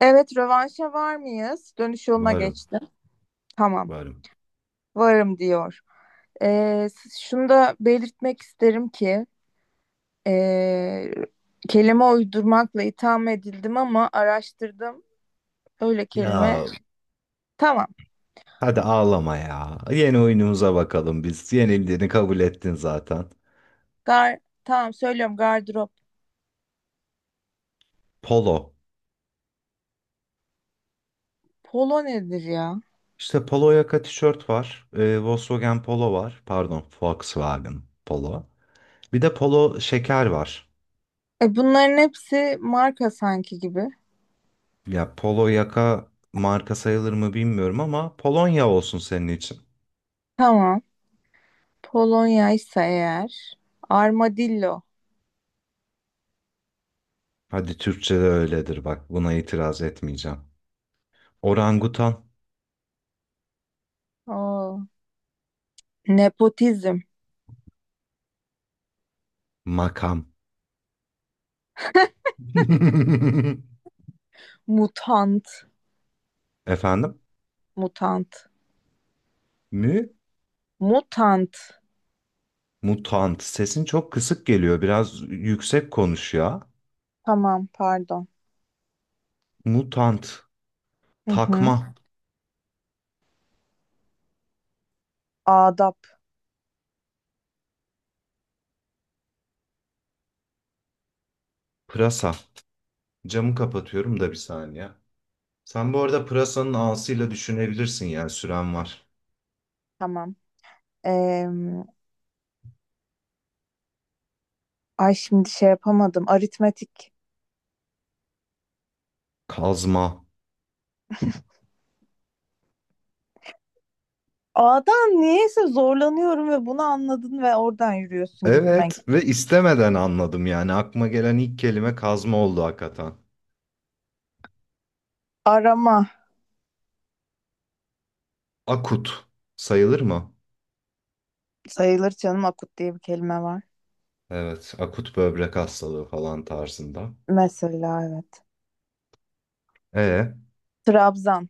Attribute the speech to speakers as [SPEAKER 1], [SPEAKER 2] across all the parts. [SPEAKER 1] Evet, rövanşa var mıyız? Dönüş yoluna
[SPEAKER 2] Varım,
[SPEAKER 1] geçtim. Tamam,
[SPEAKER 2] varım.
[SPEAKER 1] varım diyor. Şunu da belirtmek isterim ki ee, kelime uydurmakla itham edildim ama araştırdım. Öyle kelime.
[SPEAKER 2] Ya
[SPEAKER 1] Tamam,
[SPEAKER 2] hadi ağlama ya. Yeni oyunumuza bakalım biz. Yenildiğini kabul ettin zaten.
[SPEAKER 1] tamam söylüyorum gardırop.
[SPEAKER 2] Polo.
[SPEAKER 1] Polo nedir ya?
[SPEAKER 2] İşte polo yaka tişört var. Volkswagen Polo var. Pardon, Volkswagen Polo. Bir de polo şeker var.
[SPEAKER 1] E, bunların hepsi marka sanki gibi.
[SPEAKER 2] Ya polo yaka marka sayılır mı bilmiyorum ama Polonya olsun senin için.
[SPEAKER 1] Tamam, Polonya ise eğer. Armadillo.
[SPEAKER 2] Hadi Türkçe'de öyledir bak. Buna itiraz etmeyeceğim. Orangutan.
[SPEAKER 1] Oo. Nepotizm.
[SPEAKER 2] Makam.
[SPEAKER 1] Mutant.
[SPEAKER 2] Efendim?
[SPEAKER 1] Mutant.
[SPEAKER 2] Mü?
[SPEAKER 1] Mutant.
[SPEAKER 2] Mutant. Sesin çok kısık geliyor. Biraz yüksek konuş ya.
[SPEAKER 1] Tamam, pardon.
[SPEAKER 2] Mutant.
[SPEAKER 1] Hı hı.
[SPEAKER 2] Takma.
[SPEAKER 1] Adap.
[SPEAKER 2] Pırasa. Camı kapatıyorum da bir saniye. Sen bu arada pırasanın ağasıyla düşünebilirsin yani süren var.
[SPEAKER 1] Tamam. Ee, ay şimdi şey yapamadım. Aritmetik.
[SPEAKER 2] Kazma.
[SPEAKER 1] A'dan niyeyse zorlanıyorum ve bunu anladın ve oradan yürüyorsun gibime.
[SPEAKER 2] Evet ve istemeden anladım yani. Aklıma gelen ilk kelime kazma oldu hakikaten.
[SPEAKER 1] Arama.
[SPEAKER 2] Akut. Sayılır mı?
[SPEAKER 1] Sayılır canım, akut diye bir kelime var.
[SPEAKER 2] Evet. Akut böbrek hastalığı falan tarzında.
[SPEAKER 1] Mesela evet.
[SPEAKER 2] E
[SPEAKER 1] Trabzan.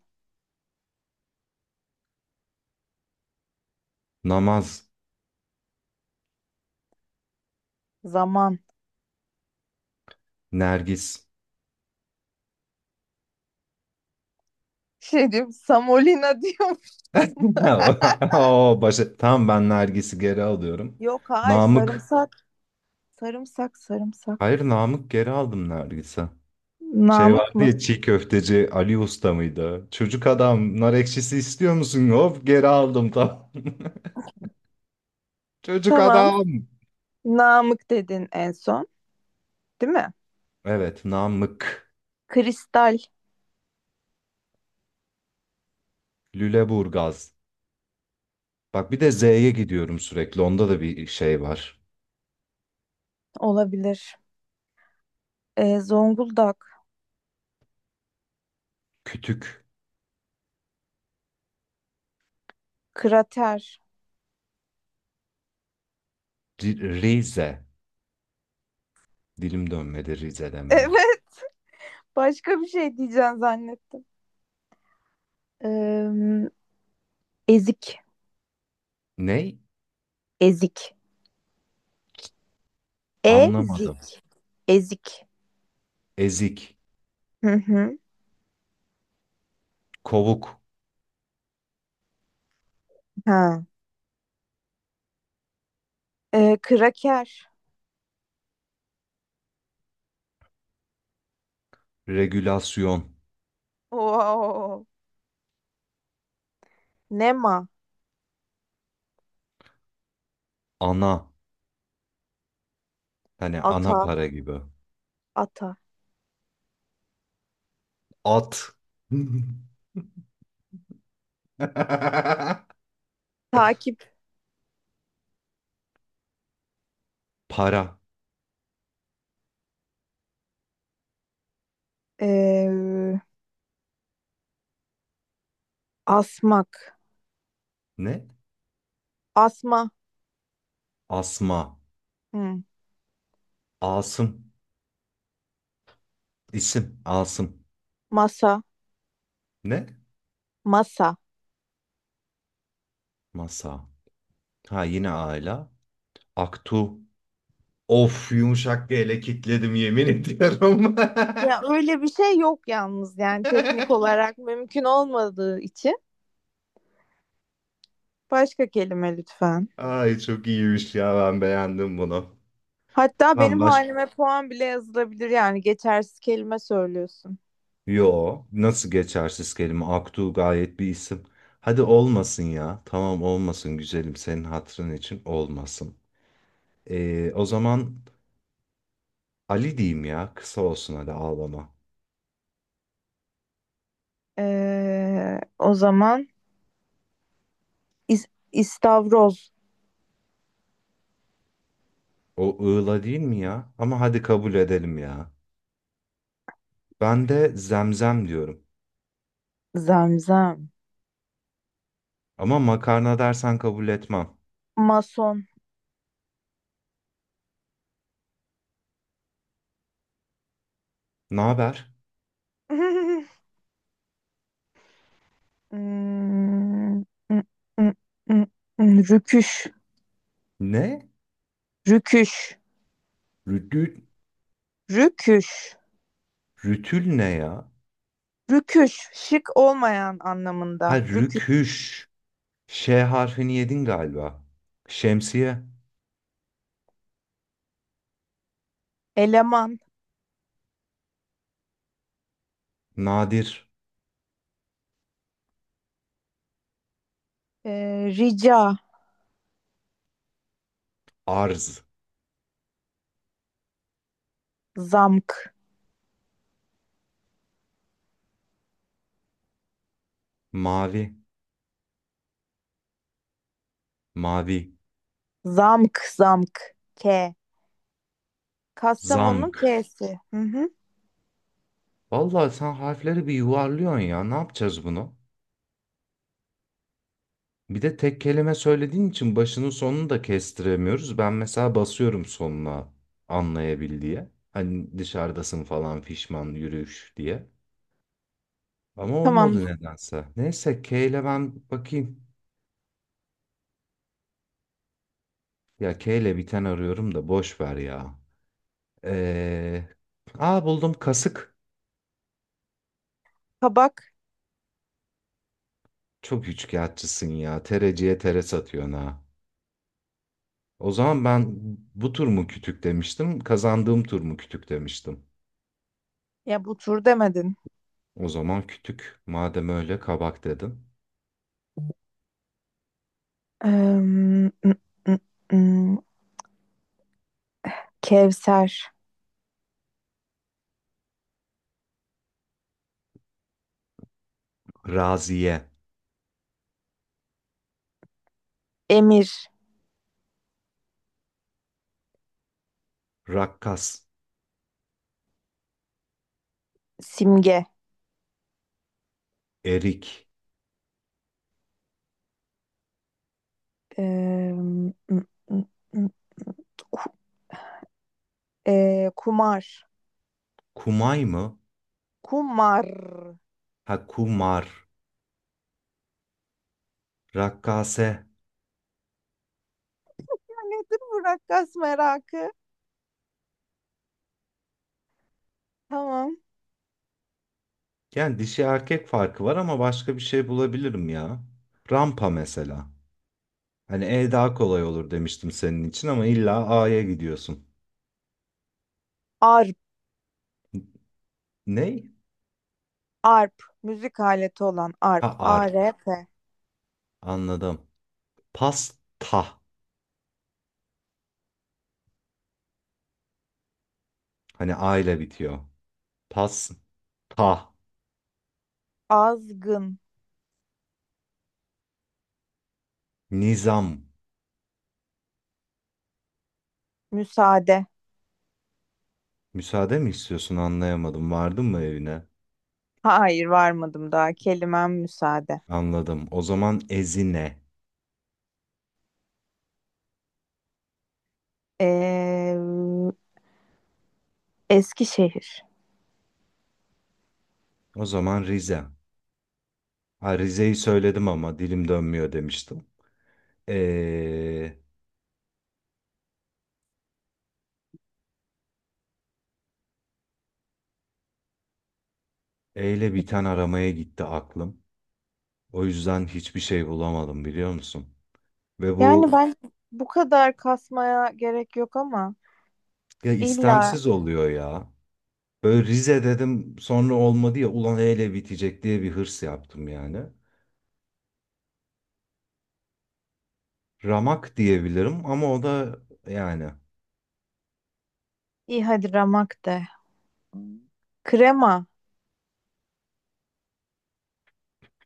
[SPEAKER 2] namaz.
[SPEAKER 1] Zaman.
[SPEAKER 2] Nergis.
[SPEAKER 1] Şey diyorum. Samolina diyorum.
[SPEAKER 2] Oo, başa... Tamam ben Nergis'i geri alıyorum.
[SPEAKER 1] Yok hayır,
[SPEAKER 2] Namık.
[SPEAKER 1] sarımsak. Sarımsak
[SPEAKER 2] Hayır
[SPEAKER 1] sarımsak.
[SPEAKER 2] Namık geri aldım Nergis'i. Şey
[SPEAKER 1] Namık
[SPEAKER 2] vardı
[SPEAKER 1] mı?
[SPEAKER 2] ya çiğ köfteci Ali Usta mıydı? Çocuk adam nar ekşisi istiyor musun? Hop geri aldım tamam. Çocuk
[SPEAKER 1] Tamam.
[SPEAKER 2] adam.
[SPEAKER 1] Namık dedin en son, değil mi?
[SPEAKER 2] Evet Namık.
[SPEAKER 1] Kristal.
[SPEAKER 2] Lüleburgaz. Bak bir de Z'ye gidiyorum sürekli. Onda da bir şey var.
[SPEAKER 1] Olabilir. Zonguldak,
[SPEAKER 2] Kütük.
[SPEAKER 1] krater.
[SPEAKER 2] Rize. Dilim dönmedi Rize demeye.
[SPEAKER 1] Evet, başka bir şey diyeceğim zannettim. Ee, ezik,
[SPEAKER 2] Ney?
[SPEAKER 1] ezik,
[SPEAKER 2] Anlamadım.
[SPEAKER 1] ezik, ezik.
[SPEAKER 2] Ezik.
[SPEAKER 1] Hı hı.
[SPEAKER 2] Kovuk.
[SPEAKER 1] Ha. Kraker.
[SPEAKER 2] Regülasyon.
[SPEAKER 1] Oo. Nema,
[SPEAKER 2] Ana. Hani ana
[SPEAKER 1] ata,
[SPEAKER 2] para gibi.
[SPEAKER 1] ata.
[SPEAKER 2] At.
[SPEAKER 1] Takip,
[SPEAKER 2] Para.
[SPEAKER 1] Ee, asmak,
[SPEAKER 2] Ne?
[SPEAKER 1] asma,
[SPEAKER 2] Asma.
[SPEAKER 1] Hı.
[SPEAKER 2] Asım. İsim. Asım.
[SPEAKER 1] Masa,
[SPEAKER 2] Ne?
[SPEAKER 1] masa.
[SPEAKER 2] Masa. Ha yine aile. Aktu. Of yumuşak bir ele kitledim yemin ediyorum.
[SPEAKER 1] Ya öyle bir şey yok yalnız, yani teknik olarak mümkün olmadığı için. Başka kelime lütfen.
[SPEAKER 2] Ay çok iyiymiş ya ben beğendim bunu.
[SPEAKER 1] Hatta
[SPEAKER 2] Tamam
[SPEAKER 1] benim
[SPEAKER 2] başka.
[SPEAKER 1] halime puan bile yazılabilir, yani geçersiz kelime söylüyorsun.
[SPEAKER 2] Yo, nasıl geçersiz kelime? Aktu gayet bir isim. Hadi olmasın ya. Tamam olmasın güzelim senin hatırın için olmasın. O zaman Ali diyeyim ya. Kısa olsun hadi ağlama.
[SPEAKER 1] O zaman istavroz,
[SPEAKER 2] O ığla değil mi ya? Ama hadi kabul edelim ya. Ben de zemzem diyorum.
[SPEAKER 1] zemzem,
[SPEAKER 2] Ama makarna dersen kabul etmem.
[SPEAKER 1] mason.
[SPEAKER 2] Ne haber?
[SPEAKER 1] Hmm, mm, mm, mm, rüküş,
[SPEAKER 2] Ne?
[SPEAKER 1] rüküş,
[SPEAKER 2] Rütül,
[SPEAKER 1] rüküş,
[SPEAKER 2] rütül ne ya?
[SPEAKER 1] rüküş, şık olmayan
[SPEAKER 2] Ha
[SPEAKER 1] anlamında. Rüküş,
[SPEAKER 2] rüküş. Ş harfini yedin galiba. Şemsiye.
[SPEAKER 1] eleman,
[SPEAKER 2] Nadir.
[SPEAKER 1] rica,
[SPEAKER 2] Arz,
[SPEAKER 1] zamk,
[SPEAKER 2] mavi, mavi,
[SPEAKER 1] zamk, zamk, K. Kastamonu'nun
[SPEAKER 2] zamk.
[SPEAKER 1] K'si. Hı hı.
[SPEAKER 2] Vallahi sen harfleri bir yuvarlıyorsun ya. Ne yapacağız bunu? Bir de tek kelime söylediğin için başının sonunu da kestiremiyoruz. Ben mesela basıyorum sonuna anlayabil diye. Hani dışarıdasın falan fişman yürüyüş diye. Ama
[SPEAKER 1] Tamam.
[SPEAKER 2] olmadı nedense. Neyse K ile ben bakayım. Ya K ile biten arıyorum da boş ver ya. Ee, buldum kasık.
[SPEAKER 1] Kabak.
[SPEAKER 2] Çok üçkağıtçısın ya. Tereciye tere satıyorsun ha. O zaman ben bu tur mu kütük demiştim, kazandığım tur mu kütük demiştim.
[SPEAKER 1] Ya bu tur demedin.
[SPEAKER 2] O zaman kütük. Madem öyle kabak dedim.
[SPEAKER 1] Im, ım, ım. Kevser,
[SPEAKER 2] Raziye,
[SPEAKER 1] Emir,
[SPEAKER 2] rakkas,
[SPEAKER 1] Simge,
[SPEAKER 2] erik,
[SPEAKER 1] eee, ım, ım, ım, Ku- Kumar,
[SPEAKER 2] kumay mı?
[SPEAKER 1] Kumar.
[SPEAKER 2] Ha kumar, rakkase.
[SPEAKER 1] Nedir bu rakkas merakı? Tamam.
[SPEAKER 2] Yani dişi erkek farkı var ama başka bir şey bulabilirim ya. Rampa mesela. Hani E daha kolay olur demiştim senin için ama illa A'ya gidiyorsun.
[SPEAKER 1] Arp,
[SPEAKER 2] Ney?
[SPEAKER 1] arp, müzik aleti olan arp,
[SPEAKER 2] Ha arp.
[SPEAKER 1] ARP.
[SPEAKER 2] Anladım. Pasta. Hani A ile bitiyor. Pas. Ta.
[SPEAKER 1] Azgın,
[SPEAKER 2] Nizam.
[SPEAKER 1] müsaade.
[SPEAKER 2] Müsaade mi istiyorsun anlayamadım. Vardın mı evine?
[SPEAKER 1] Hayır varmadım daha. Kelimem müsaade.
[SPEAKER 2] Anladım. O zaman Ezine.
[SPEAKER 1] Eee Eskişehir.
[SPEAKER 2] O zaman Rize. Ha, Rize'yi söyledim ama dilim dönmüyor demiştim. Ee, E ile biten aramaya gitti aklım. O yüzden hiçbir şey bulamadım biliyor musun? Ve
[SPEAKER 1] Yani
[SPEAKER 2] bu
[SPEAKER 1] ben bu kadar kasmaya gerek yok ama
[SPEAKER 2] ya
[SPEAKER 1] illa
[SPEAKER 2] istemsiz oluyor ya. Böyle Rize dedim sonra olmadı ya ulan E ile bitecek diye bir hırs yaptım yani. Ramak diyebilirim ama o da yani
[SPEAKER 1] iyi hadi ramak de. Krema.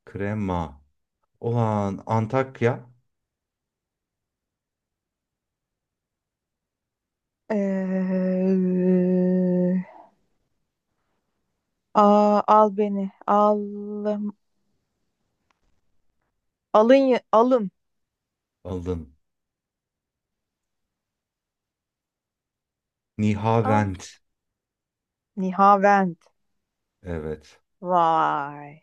[SPEAKER 2] krema. Olan Antakya
[SPEAKER 1] Ee, al beni. Al, alın. Alın.
[SPEAKER 2] aldım.
[SPEAKER 1] Al.
[SPEAKER 2] Nihavend.
[SPEAKER 1] Nihavend.
[SPEAKER 2] Evet.
[SPEAKER 1] Vay.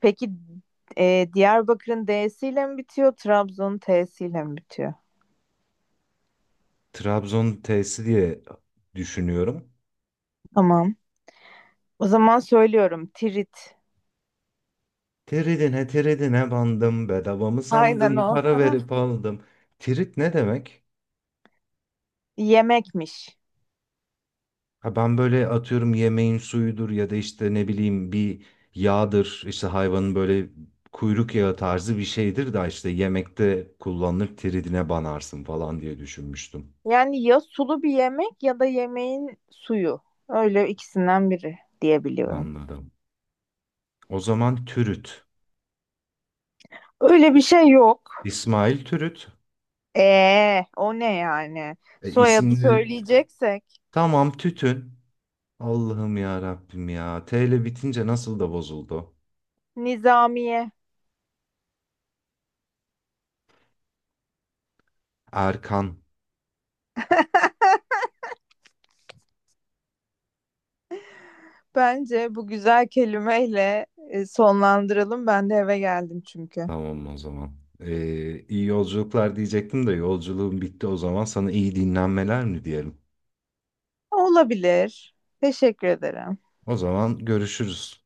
[SPEAKER 1] Peki Diyarbakır'ın D'siyle mi bitiyor? Trabzon'un T'siyle mi bitiyor?
[SPEAKER 2] Trabzon T'si diye düşünüyorum.
[SPEAKER 1] Tamam. O zaman söylüyorum. Tirit.
[SPEAKER 2] Tridine tridine bandım. Bedava mı
[SPEAKER 1] Aynen
[SPEAKER 2] sandın?
[SPEAKER 1] o.
[SPEAKER 2] Para verip aldım. Tirit ne demek?
[SPEAKER 1] Yemekmiş.
[SPEAKER 2] Ha ben böyle atıyorum yemeğin suyudur ya da işte ne bileyim bir yağdır. İşte hayvanın böyle kuyruk yağı tarzı bir şeydir da işte yemekte kullanılır tiridine banarsın falan diye düşünmüştüm.
[SPEAKER 1] Yani ya sulu bir yemek ya da yemeğin suyu. Öyle ikisinden biri diyebiliyorum.
[SPEAKER 2] Anladım. O zaman Türüt.
[SPEAKER 1] Öyle bir şey yok.
[SPEAKER 2] İsmail Türüt.
[SPEAKER 1] O ne yani? Soyadı
[SPEAKER 2] İsimleri
[SPEAKER 1] söyleyeceksek
[SPEAKER 2] tamam tütün. Allah'ım ya Rabbim ya. T ile bitince nasıl da bozuldu.
[SPEAKER 1] Nizamiye.
[SPEAKER 2] Erkan.
[SPEAKER 1] Bence bu güzel kelimeyle sonlandıralım. Ben de eve geldim çünkü.
[SPEAKER 2] Tamam o zaman. İyi yolculuklar diyecektim de yolculuğum bitti o zaman. Sana iyi dinlenmeler mi diyelim?
[SPEAKER 1] Olabilir. Teşekkür ederim.
[SPEAKER 2] O zaman görüşürüz.